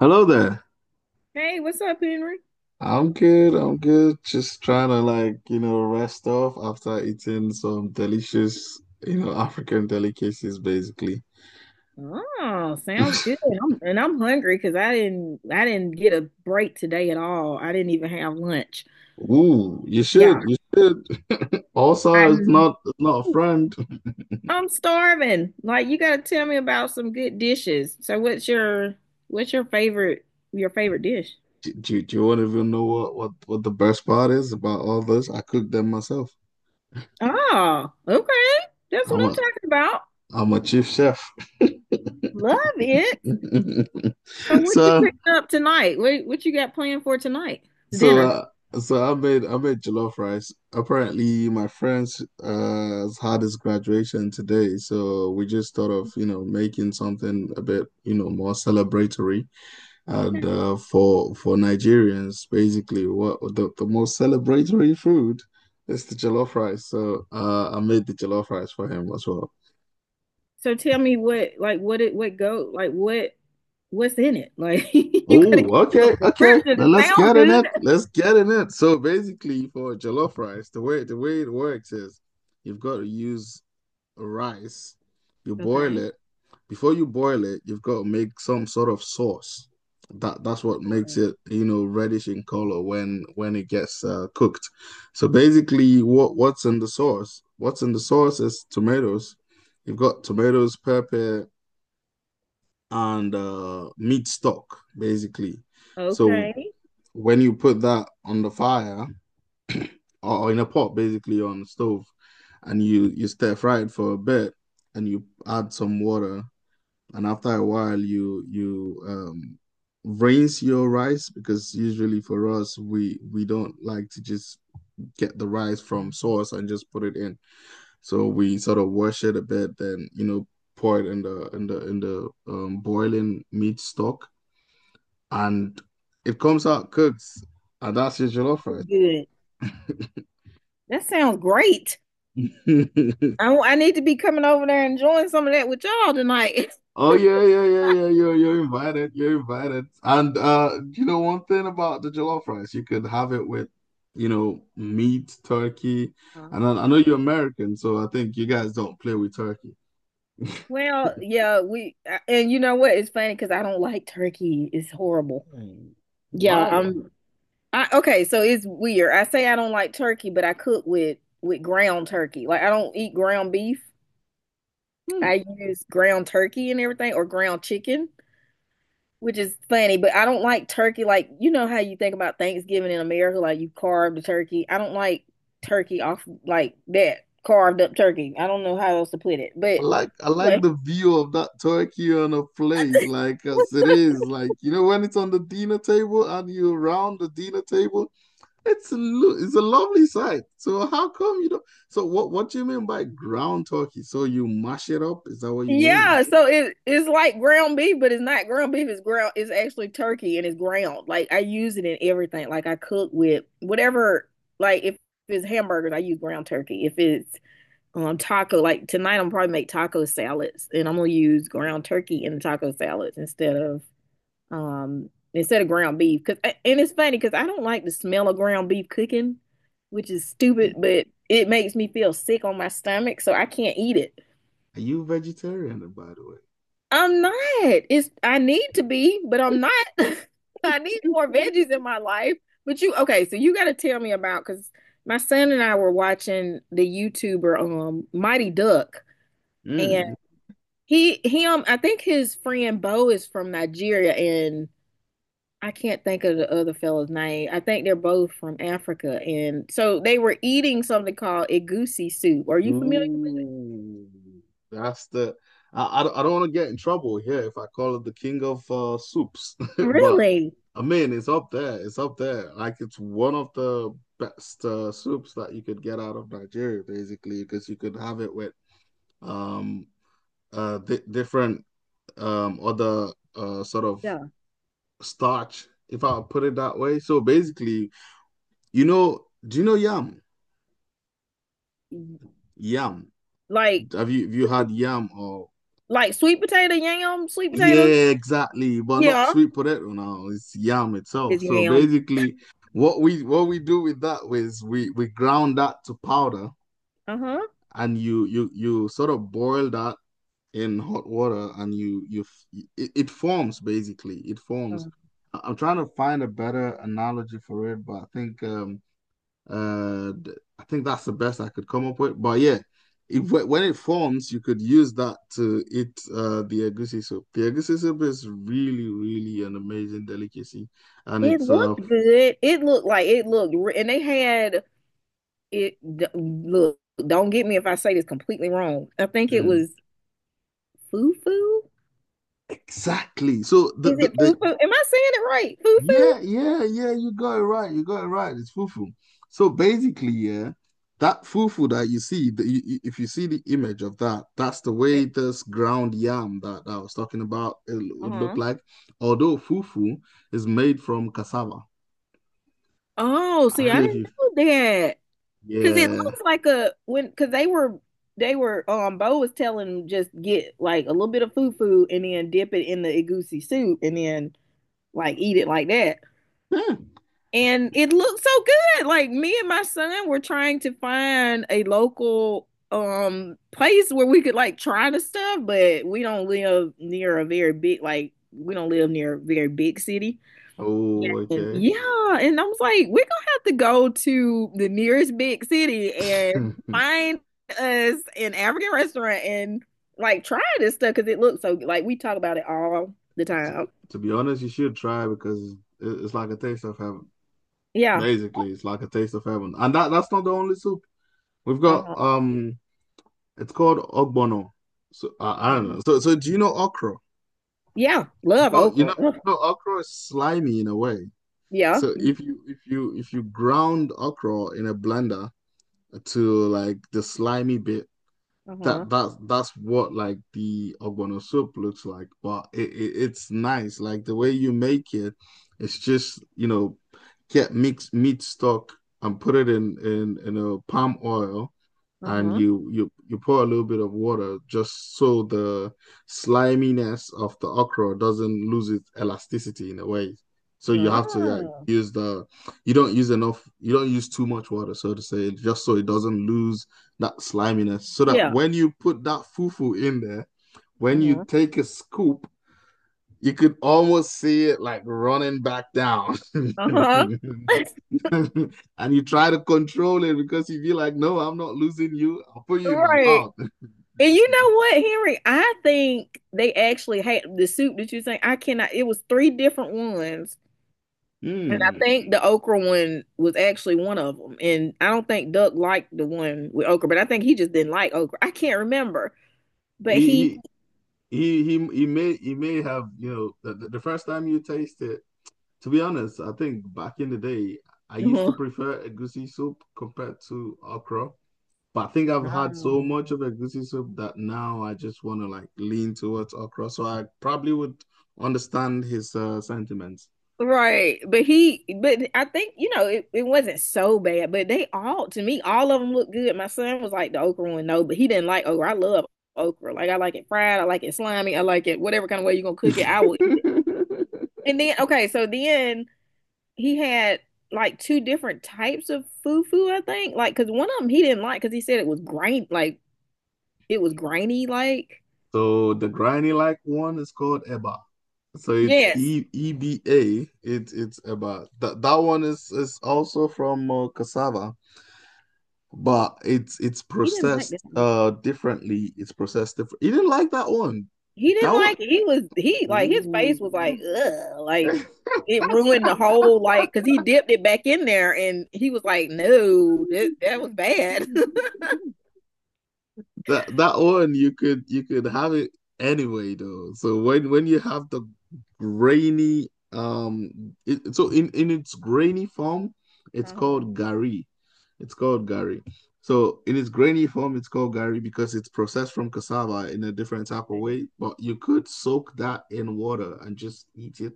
Hello there. Hey, what's up, Henry? I'm good. I'm good. Just trying to like, rest off after eating some delicious, African delicacies basically. Oh, sounds good. And I'm hungry because I didn't get a break today at all. I didn't even have lunch. Ooh, you should. Yeah, You should. Also, it's I'm, not it's not a friend. I'm starving. Like you got to tell me about some good dishes. So what's your favorite dish? Do you want to even know what the best part is about all this? I cook them myself. Oh, okay. That's what I'm I'm a talking about. I'm a chief chef. Love it. So what you So cooking up tonight? What you got planned for tonight? It's So, dinner. uh, so I made jollof rice. Apparently, my friends has had his graduation today, so we just thought of making something a bit more celebratory. And for Nigerians, basically, what the most celebratory food is the jollof rice. So I made the jollof rice for him as well. So tell me what like what it what go like what what's in it? Like you gotta give Oh, me okay, some okay. description. Now It let's sounds get in it. good. Let's get in it. So basically, for jollof rice, the way it works is, you've got to use rice, you boil Okay. it. Before you boil it, you've got to make some sort of sauce. That's what makes it, reddish in color when it gets cooked. So basically, what's in the sauce? What's in the sauce is tomatoes. You've got tomatoes, pepper, and meat stock, basically. So Okay. when you put that on the fire, or in a pot basically on the stove, and you stir fry it for a bit, and you add some water, and after a while you rinse your rice, because usually for us we don't like to just get the rice from source and just put it in. So we sort of wash it a bit, then pour it in the boiling meat stock, and it comes out cooked, and that's your jollof Good. rice. That sounds great. I need to be coming over there and enjoying some of that with y'all tonight. Oh yeah, yeah, yeah, yeah. You're invited. You're invited. And you know, one thing about the jollof rice, you could have it with, meat, turkey, Huh. and I know you're American, so I think you guys don't play with turkey. Well, yeah, we and you know what? It's funny because I don't like turkey. It's horrible. Hmm. Yeah, Why? I okay, so it's weird. I say I don't like turkey, but I cook with ground turkey. Like I don't eat ground beef. Hmm. I use ground turkey and everything, or ground chicken, which is funny, but I don't like turkey. Like, you know how you think about Thanksgiving in America, like you carve the turkey. I don't like turkey off like that, carved up turkey. I don't know how else to put it, I but like I like anyway, the view of that turkey on a plate, like as it is, like you know when it's on the dinner table and you're around the dinner table. It's a, it's a lovely sight. So how come you don't? So what do you mean by ground turkey? So you mash it up? Is that what you mean? yeah. So it it's like ground beef, but it's not ground beef. It's ground. It's actually turkey and it's ground. Like I use it in everything. Like I cook with whatever. Like if it's hamburgers, I use ground turkey. If it's taco, like tonight I'm probably make taco salads and I'm gonna use ground turkey in the taco salads instead of instead of ground beef. Cause and it's funny because I don't like the smell of ground beef cooking, which is Are, stupid, but it makes me feel sick on my stomach so I can't eat it. are you vegetarian, by the way? I'm not, it's I need to be but I'm not. I need more veggies in my life, but you okay so you gotta tell me about, because my son and I were watching the YouTuber Mighty Duck. Mm. He I think his friend Bo is from Nigeria, and I can't think of the other fella's name. I think they're both from Africa, and so they were eating something called egusi soup. Are you familiar? Ooh, that's the. I don't, I don't want to get in trouble here if I call it the king of soups, but Really? I mean it's up there. It's up there. Like it's one of the best soups that you could get out of Nigeria, basically, because you could have it with um di different other sort of Yeah. starch, if I put it that way. So basically, do you know yam? Yam. Like Have you had yam or like sweet potato yam, sweet potato. yeah, exactly, but not Yeah. sweet potato now. It's yam itself. It's So yam. basically, what we do with that is we ground that to powder, Uh-huh. and you sort of boil that in hot water, and you it forms, basically it Uh, forms. I am trying to find a better analogy for it, but uh I think that's the best I could come up with, but yeah. it, when it forms, you could use that to eat the egusi soup. The egusi soup is really really an amazing delicacy, and it it's looked good. It looked like and they had it d- look, don't get me if I say this completely wrong. I think it mm, was fufu. exactly. So the, Is the it the foo foo? Am I saying it right? Foo foo? yeah, yeah, yeah, you got it right. You got it right. It's fufu. So basically, yeah, that fufu that you see, if you see the image of that, that's the way this ground yam that I was talking about it would look Uh-huh. like. Although fufu is made from cassava. Oh, I see, don't I know if didn't you, know that. Cause it yeah. looks like a when cause they were Bo was telling them just get like a little bit of foo foo and then dip it in the egusi soup and then like eat it like that. Yeah. And it looked so good. Like me and my son were trying to find a local place where we could like try the stuff, but we don't live near a very big, like we don't live near a very big city. Oh, And okay. yeah, and I was like, we're gonna have to go to the nearest big city and find us an African restaurant and like try this stuff because it looks so, like we talk about it all the To, time. to be honest, you should try, because it's like a taste of heaven. Yeah. Basically, it's like a taste of heaven. And that's not the only soup. We've got Uh-huh. It's called ogbono. So I don't Uh-huh. know. So do you know okra? Yeah. You Love know you know okra. Ugh. you know okra is slimy in a way. Yeah. So if you ground okra in a blender to like the slimy bit, Uh-huh. That's what like the ogbono soup looks like. But it's nice. Like the way you make it, it's just get mixed meat stock and put it in a palm oil, and Uh-huh. You pour a little bit of water, just so the sliminess of the okra doesn't lose its elasticity in a way. So you have to like Ah. use the, you don't use enough, you don't use too much water, so to say, just so it doesn't lose that sliminess, so that Yeah. when you put that fufu in there, when you Uh-huh. take a scoop, you could almost see it like running back down. Uh-huh. And you try to control it because you feel like, no, I'm not losing you. I'll put you in my Right. mouth. And you know what, Henry? I think they actually had the soup that you think I cannot. It was three different ones. And I Mm. think the okra one was actually one of them. And I don't think Duck liked the one with okra, but I think he just didn't like okra. I can't remember. But He he, he he may have, you know, the first time you taste it, to be honest, I think back in the day, I used to prefer a goosey soup compared to okra. But I think I've had mm, so much of egusi soup that now I just want to like lean towards okra. So I probably would understand his sentiments. right. But he, but I think, you know, it wasn't so bad. But they all, to me, all of them looked good. My son was like the okra one, no, but he didn't like okra. I love okra. Like, I like it fried. I like it slimy. I like it whatever kind of way you're going to cook it. I will eat it. And then, okay, so then he had like two different types of fufu, I think. Like, cause one of them he didn't like because he said it was grainy. Like, So the granny like one is called eba. So it's yes, Eba. It's eba. That one is also from cassava, but it's he didn't like processed that one. Differently. It's processed different. You didn't like that one. He That didn't one. like it. He was he like his Ooh. face was like ugh, like it ruined the whole, like because he dipped it back in there and he was like, no, that that was bad. That one you could have it anyway though. So when you have the grainy so in its grainy form, it's Uh-huh. called gari. It's called gari. So in its grainy form, it's called gari because it's processed from cassava in a different type of Okay. way. But you could soak that in water and just eat it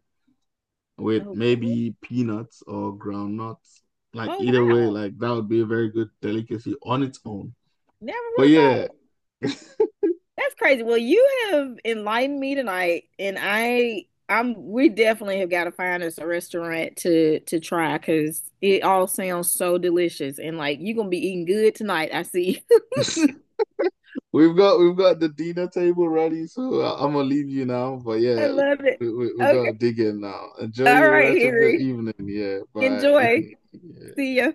with Oh, maybe peanuts or ground nuts. Like oh either way, wow! like that would be a very good delicacy on its own. Never But would have yeah. thought. That's crazy. Well, you have enlightened me tonight, and we definitely have got to find us a restaurant to try because it all sounds so delicious, and like you're gonna be eating good tonight. I see. We've got the dinner table ready, so I am gonna leave you now. But I yeah, love it. We gotta Okay. dig in now. Enjoy All your right, rest of your Henry. evening. Yeah, bye. Enjoy. Yeah. See ya.